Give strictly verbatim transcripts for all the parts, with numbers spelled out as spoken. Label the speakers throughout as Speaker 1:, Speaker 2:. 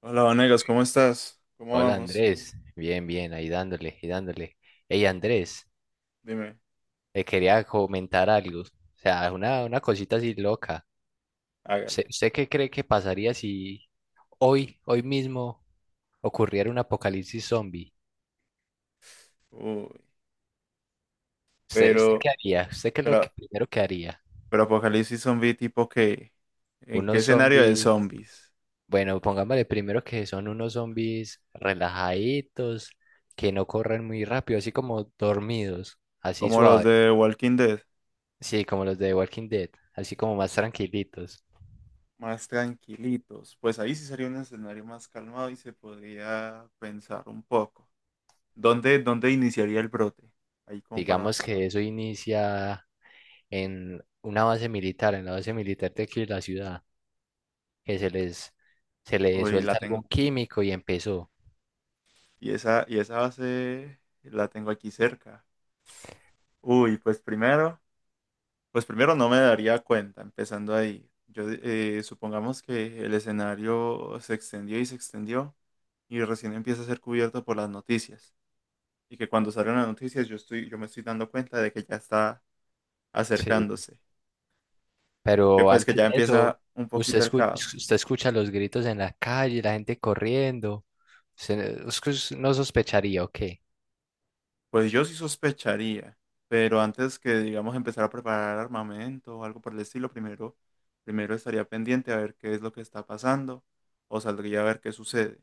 Speaker 1: Hola, Vanegas, ¿cómo estás? ¿Cómo
Speaker 2: Hola
Speaker 1: vamos?
Speaker 2: Andrés, bien, bien, ahí dándole y dándole. Hey Andrés,
Speaker 1: Dime,
Speaker 2: eh, quería comentar algo, o sea, una, una cosita así loca. ¿Usted,
Speaker 1: hágale.
Speaker 2: usted qué cree que pasaría si hoy, hoy mismo, ocurriera un apocalipsis zombie?
Speaker 1: Uy,
Speaker 2: ¿Usted, usted
Speaker 1: pero,
Speaker 2: qué haría? ¿Usted qué es lo que
Speaker 1: pero,
Speaker 2: primero que haría?
Speaker 1: pero Apocalipsis Zombie tipo que, ¿en qué
Speaker 2: Unos
Speaker 1: escenario de
Speaker 2: zombies,
Speaker 1: zombies?
Speaker 2: bueno, pongámosle primero que son unos zombies relajaditos, que no corren muy rápido, así como dormidos, así
Speaker 1: Como los
Speaker 2: suave,
Speaker 1: de Walking Dead,
Speaker 2: sí, como los de Walking Dead, así como más tranquilitos.
Speaker 1: más tranquilitos. Pues ahí sí sería un escenario más calmado y se podría pensar un poco. ¿Dónde, dónde iniciaría el brote? Ahí como para,
Speaker 2: Digamos que eso inicia en una base militar, en la base militar de aquí de la ciudad, que se les, se les
Speaker 1: uy, la
Speaker 2: suelta
Speaker 1: tengo.
Speaker 2: algún químico y empezó.
Speaker 1: Y esa, y esa base la tengo aquí cerca. Uy, pues primero. Pues primero no me daría cuenta, empezando ahí. Yo eh, supongamos que el escenario se extendió y se extendió y recién empieza a ser cubierto por las noticias. Y que cuando salen las noticias yo estoy, yo me estoy dando cuenta de que ya está
Speaker 2: Sí.
Speaker 1: acercándose. Que
Speaker 2: Pero
Speaker 1: pues que
Speaker 2: antes
Speaker 1: ya
Speaker 2: de eso,
Speaker 1: empieza un
Speaker 2: usted,
Speaker 1: poquito el
Speaker 2: escu-
Speaker 1: caos.
Speaker 2: usted escucha los gritos en la calle, la gente corriendo. Usted no usted no sospecharía o qué?
Speaker 1: Pues yo sí sospecharía, pero antes que digamos empezar a preparar armamento o algo por el estilo, primero, primero estaría pendiente a ver qué es lo que está pasando o saldría a ver qué sucede.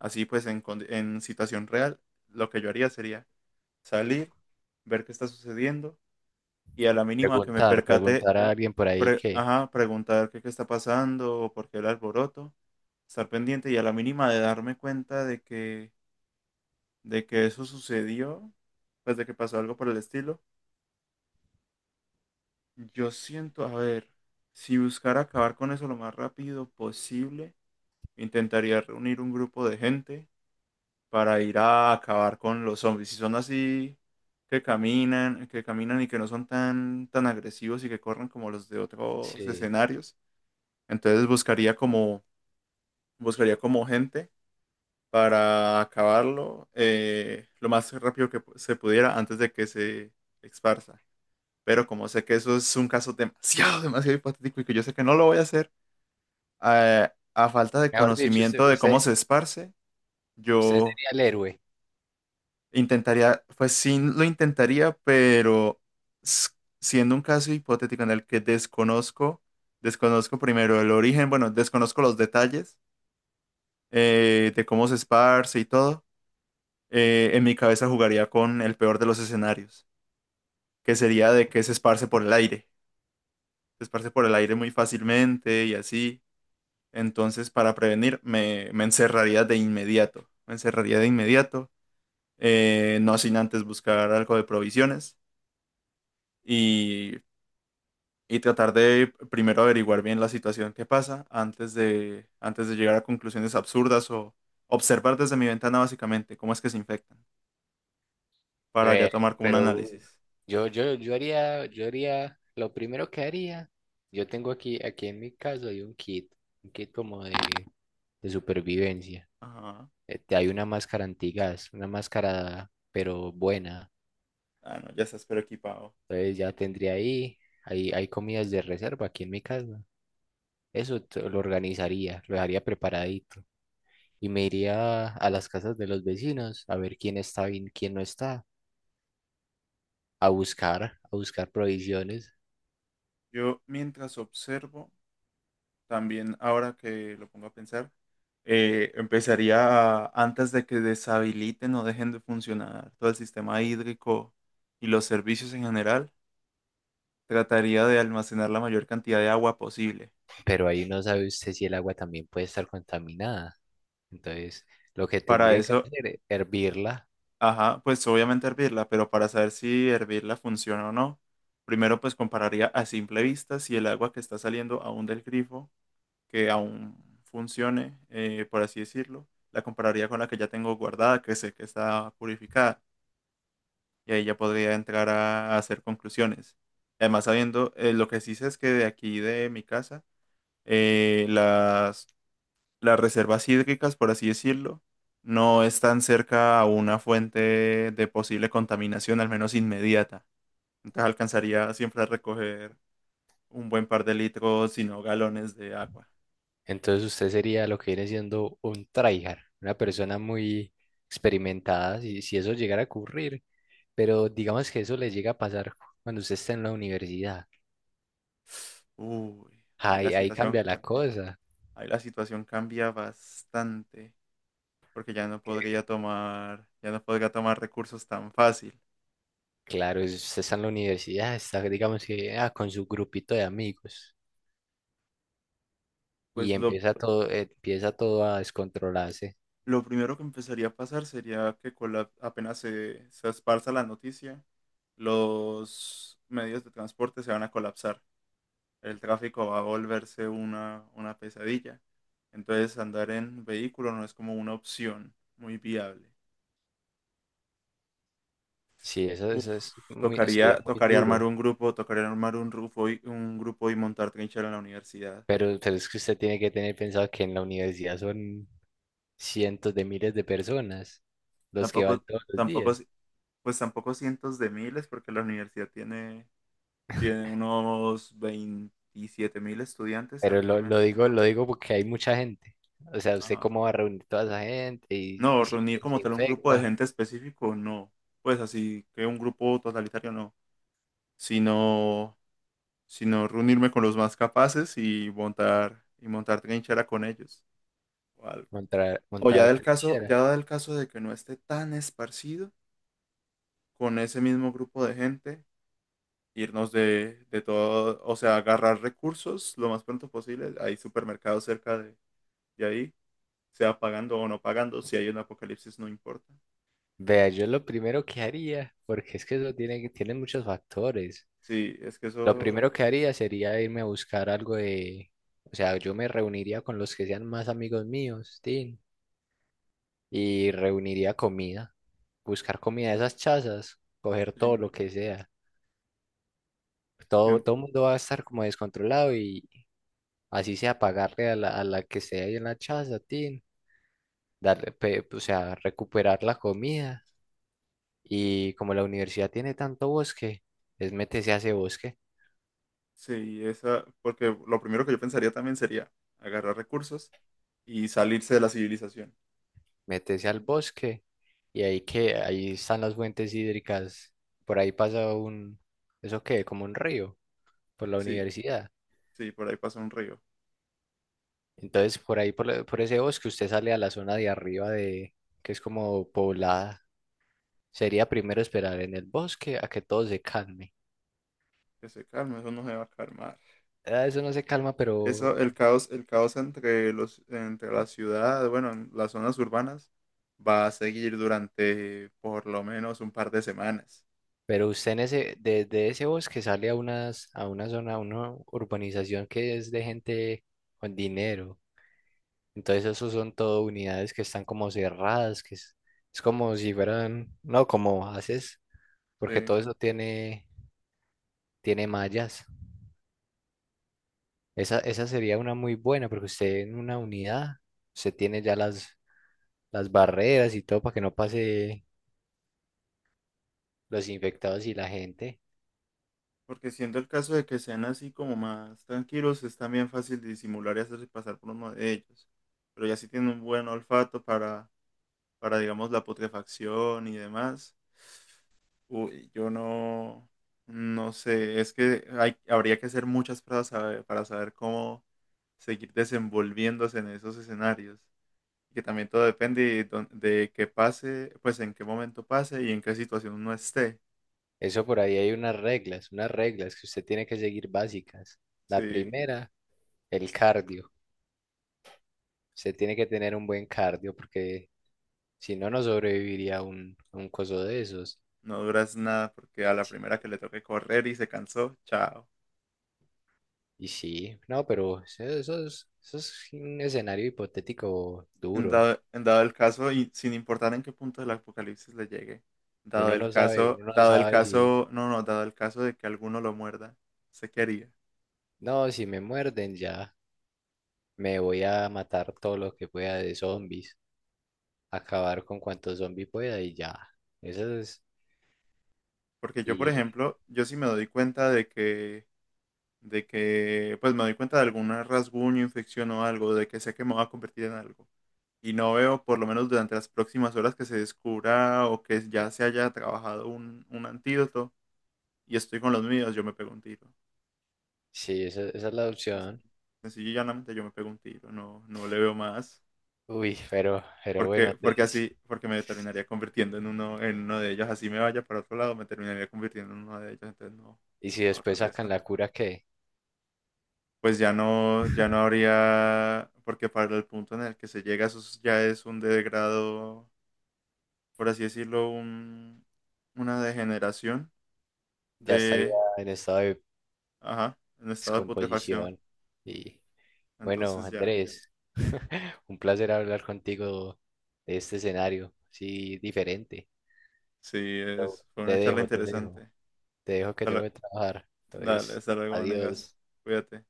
Speaker 1: Así pues, en, condi- en situación real, lo que yo haría sería salir, ver qué está sucediendo y a la mínima que me
Speaker 2: Preguntar,
Speaker 1: percate,
Speaker 2: preguntar a alguien por ahí
Speaker 1: pre-
Speaker 2: que,
Speaker 1: ajá, preguntar qué, qué está pasando o por qué el alboroto, estar pendiente y a la mínima de darme cuenta de que, de que eso sucedió, pues de que pasó algo por el estilo. Yo siento, a ver, si buscara acabar con eso lo más rápido posible, intentaría reunir un grupo de gente para ir a acabar con los zombies. Si son así, que caminan, que caminan y que no son tan, tan agresivos y que corren como los de otros
Speaker 2: sí.
Speaker 1: escenarios, entonces buscaría como, buscaría como gente para acabarlo eh, lo más rápido que pu- se pudiera antes de que se esparza. Pero como sé que eso es un caso demasiado, demasiado hipotético y que yo sé que no lo voy a hacer, eh, a falta de
Speaker 2: Mejor dicho, usted,
Speaker 1: conocimiento de cómo
Speaker 2: usted,
Speaker 1: se esparce,
Speaker 2: usted
Speaker 1: yo
Speaker 2: sería el héroe.
Speaker 1: intentaría, pues sí lo intentaría, pero s- siendo un caso hipotético en el que desconozco, desconozco primero el origen, bueno, desconozco los detalles eh, de cómo se esparce y todo, eh, en mi cabeza jugaría con el peor de los escenarios, que sería de que se esparce por el aire, se esparce por el aire muy fácilmente y así. Entonces, para prevenir, me, me encerraría de inmediato, me encerraría de inmediato, eh, no sin antes buscar algo de provisiones. Y y tratar de primero averiguar bien la situación que pasa antes de, antes de llegar a conclusiones absurdas o observar desde mi ventana básicamente cómo es que se infectan para ya
Speaker 2: Eh,
Speaker 1: tomar como un
Speaker 2: pero
Speaker 1: análisis.
Speaker 2: yo, yo, yo haría, yo haría, lo primero que haría, yo tengo aquí, aquí en mi casa hay un kit, un kit como de, de supervivencia.
Speaker 1: Ajá.
Speaker 2: Eh, te hay una máscara antigas, una máscara, pero buena.
Speaker 1: Ah, no, ya estás pero equipado.
Speaker 2: Entonces ya tendría ahí, hay, hay comidas de reserva aquí en mi casa. Eso t-
Speaker 1: Eh,
Speaker 2: lo organizaría, lo dejaría preparadito. Y me iría a las casas de los vecinos a ver quién está bien, quién no está, a buscar, a buscar provisiones.
Speaker 1: Yo mientras observo, también ahora que lo pongo a pensar, eh, empezaría a- antes de que deshabiliten o dejen de funcionar todo el sistema hídrico y los servicios en general, trataría de almacenar la mayor cantidad de agua posible.
Speaker 2: Pero ahí no sabe usted si el agua también puede estar contaminada. Entonces, lo que
Speaker 1: Para
Speaker 2: tendría que
Speaker 1: eso,
Speaker 2: hacer es hervirla.
Speaker 1: ajá, pues obviamente hervirla, pero para saber si hervirla funciona o no, primero pues compararía a simple vista si el agua que está saliendo aún del grifo, que aún funcione, eh, por así decirlo, la compararía con la que ya tengo guardada, que sé que está purificada, y ahí ya podría entrar a, a hacer conclusiones. Además, sabiendo, eh, lo que sí sé es que de aquí de mi casa, eh, las reservas hídricas, por así decirlo, no están cerca a una fuente de posible contaminación, al menos inmediata. Entonces alcanzaría siempre a recoger un buen par de litros, si no galones de agua.
Speaker 2: Entonces, usted sería lo que viene siendo un tryhard, una persona muy experimentada, si, si eso llegara a ocurrir. Pero digamos que eso le llega a pasar cuando usted está en la universidad.
Speaker 1: Uy, ahí la
Speaker 2: Ahí, ahí
Speaker 1: situación,
Speaker 2: cambia la cosa.
Speaker 1: ahí la situación cambia bastante, porque ya no
Speaker 2: que,
Speaker 1: podría tomar, ya no podría tomar recursos tan fácil.
Speaker 2: Claro, es- usted está en la universidad, está, digamos que ah, con su grupito de amigos
Speaker 1: Pues
Speaker 2: y
Speaker 1: lo
Speaker 2: empieza todo, empieza todo a descontrolarse.
Speaker 1: Lo primero que empezaría a pasar sería que con la- apenas se, se esparza la noticia, los medios de transporte se van a colapsar. El tráfico va a volverse una, una pesadilla. Entonces andar en vehículo no es como una opción muy viable.
Speaker 2: Sí, eso,
Speaker 1: Uf,
Speaker 2: eso es muy, sería
Speaker 1: tocaría,
Speaker 2: muy
Speaker 1: tocaría armar
Speaker 2: duro.
Speaker 1: un grupo, tocaría armar un grupo y, un grupo y montar trinchera en la universidad.
Speaker 2: Pero, pero es que usted tiene que tener pensado que en la universidad son cientos de miles de personas los que van
Speaker 1: Tampoco,
Speaker 2: todos los
Speaker 1: tampoco,
Speaker 2: días.
Speaker 1: pues tampoco cientos de miles, porque la universidad tiene, tiene unos veintisiete mil estudiantes
Speaker 2: Pero lo, lo
Speaker 1: actualmente, si no.
Speaker 2: digo, lo digo porque hay mucha gente. O sea, ¿usted
Speaker 1: Ajá.
Speaker 2: cómo va a reunir toda esa gente y,
Speaker 1: No,
Speaker 2: y si
Speaker 1: reunir
Speaker 2: alguien
Speaker 1: como
Speaker 2: se
Speaker 1: tal un grupo de
Speaker 2: infecta,
Speaker 1: gente específico, no. Pues así que un grupo totalitario, no. Sino, sino reunirme con los más capaces y montar, y montar trinchera con ellos o algo.
Speaker 2: montar,
Speaker 1: O ya
Speaker 2: montar
Speaker 1: del caso,
Speaker 2: trinchera?
Speaker 1: ya del caso de que no esté tan esparcido, con ese mismo grupo de gente, irnos de, de todo, o sea, agarrar recursos lo más pronto posible. Hay supermercados cerca de, de ahí sea pagando o no pagando, si hay un apocalipsis no importa.
Speaker 2: Vea, yo lo primero que haría, porque es que eso tiene, que- tiene muchos factores.
Speaker 1: Sí, es que
Speaker 2: Lo
Speaker 1: eso,
Speaker 2: primero que haría sería irme a buscar algo de, o sea, yo me reuniría con los que sean más amigos míos, ¿sí? Y reuniría comida, buscar comida de esas chazas, coger
Speaker 1: sí,
Speaker 2: todo lo que sea. Todo,
Speaker 1: yo-
Speaker 2: todo el mundo va a estar como descontrolado y así sea pagarle a la, a la que sea ahí en la chaza, tin, darle, pe- o sea, recuperar la comida. Y como la universidad tiene tanto bosque, es métese a ese bosque,
Speaker 1: sí, esa, porque lo primero que yo pensaría también sería agarrar recursos y salirse de la civilización.
Speaker 2: métese al bosque y ahí que ahí están las fuentes hídricas, por ahí pasa un, ¿eso qué? Como un río por la
Speaker 1: Sí,
Speaker 2: universidad.
Speaker 1: sí, por ahí pasa un río.
Speaker 2: Entonces, por ahí, por, la- por ese bosque, usted sale a la zona de arriba de, que es como poblada. Sería primero esperar en el bosque a que todo se calme.
Speaker 1: Que se calme, eso no se va a calmar.
Speaker 2: Ah, eso no se calma, pero,
Speaker 1: Eso, el caos, el caos entre los, entre la ciudad, bueno, en las zonas urbanas, va a seguir durante por lo menos un par de semanas.
Speaker 2: pero usted en ese, desde ese bosque sale a unas, a una zona, a una urbanización que es de gente con dinero. Entonces, esos son todo unidades que están como cerradas, que es, es como si fueran, no, como haces, porque
Speaker 1: Sí.
Speaker 2: todo eso tiene, tiene mallas. Esa, esa sería una muy buena, porque usted en una unidad, usted tiene ya las, las barreras y todo para que no pase los infectados y la gente.
Speaker 1: Porque siendo el caso de que sean así como más tranquilos, es también fácil disimular y hacerse pasar por uno de ellos. Pero ya si tienen un buen olfato para, para digamos, la putrefacción y demás, uy, yo no, no sé, es que hay, habría que hacer muchas pruebas sabe- para saber cómo seguir desenvolviéndose en esos escenarios. Y que también todo depende de, dónde- de qué pase, pues en qué momento pase y en qué situación uno esté.
Speaker 2: Eso por ahí hay unas reglas, unas reglas que usted tiene que seguir básicas. La
Speaker 1: Sí.
Speaker 2: primera, el cardio. Usted tiene que tener un buen cardio, porque si no, no sobreviviría un, un coso de esos.
Speaker 1: No duras nada porque a la
Speaker 2: Sí,
Speaker 1: primera que le toque correr y se cansó, chao.
Speaker 2: y sí, no, pero eso, eso es, eso es un escenario hipotético
Speaker 1: En
Speaker 2: duro.
Speaker 1: dado, en dado el caso, y sin importar en qué punto del apocalipsis le llegue, dado
Speaker 2: Uno
Speaker 1: el
Speaker 2: no sabe,
Speaker 1: caso,
Speaker 2: uno no
Speaker 1: dado el
Speaker 2: sabe si,
Speaker 1: caso, no, no, dado el caso de que alguno lo muerda, ¿sé qué haría?
Speaker 2: no, si me muerden ya. Me voy a matar todo lo que pueda de zombies, acabar con cuantos zombies pueda y ya. Esa es,
Speaker 1: Porque yo, por
Speaker 2: y
Speaker 1: ejemplo, yo sí me doy cuenta de que, de que, pues me doy cuenta de algún rasguño, infección o algo, de que sé que me va a convertir en algo. Y no veo, por lo menos durante las próximas horas, que se descubra o que ya se haya trabajado un, un antídoto y estoy con los míos, yo me pego un tiro.
Speaker 2: sí, esa, esa es la
Speaker 1: Sencillo,
Speaker 2: opción.
Speaker 1: sencillo y llanamente yo me pego un tiro, no, no le veo más.
Speaker 2: Uy, pero, pero bueno,
Speaker 1: Porque, porque
Speaker 2: Andrés.
Speaker 1: así, porque me terminaría convirtiendo en uno, en uno de ellos. Así me vaya para otro lado, me terminaría convirtiendo en uno de ellos. Entonces no,
Speaker 2: Y si después
Speaker 1: ahorrar
Speaker 2: sacan
Speaker 1: eso.
Speaker 2: la cura que
Speaker 1: Pues ya no, ya no habría, porque para el punto en el que se llega, eso es- ya es un degrado, por así decirlo, un, una degeneración
Speaker 2: ya estaría
Speaker 1: de,
Speaker 2: en estado de
Speaker 1: ajá, en estado de putrefacción.
Speaker 2: descomposición. Y bueno,
Speaker 1: Entonces ya,
Speaker 2: Andrés, un placer hablar contigo de este escenario, sí, diferente.
Speaker 1: sí,
Speaker 2: Pero
Speaker 1: es, fue una
Speaker 2: te
Speaker 1: charla
Speaker 2: dejo, te
Speaker 1: interesante.
Speaker 2: dejo, te dejo que
Speaker 1: Hasta
Speaker 2: tengo
Speaker 1: lue-
Speaker 2: que trabajar.
Speaker 1: Dale,
Speaker 2: Entonces,
Speaker 1: hasta luego, negas.
Speaker 2: adiós.
Speaker 1: Cuídate.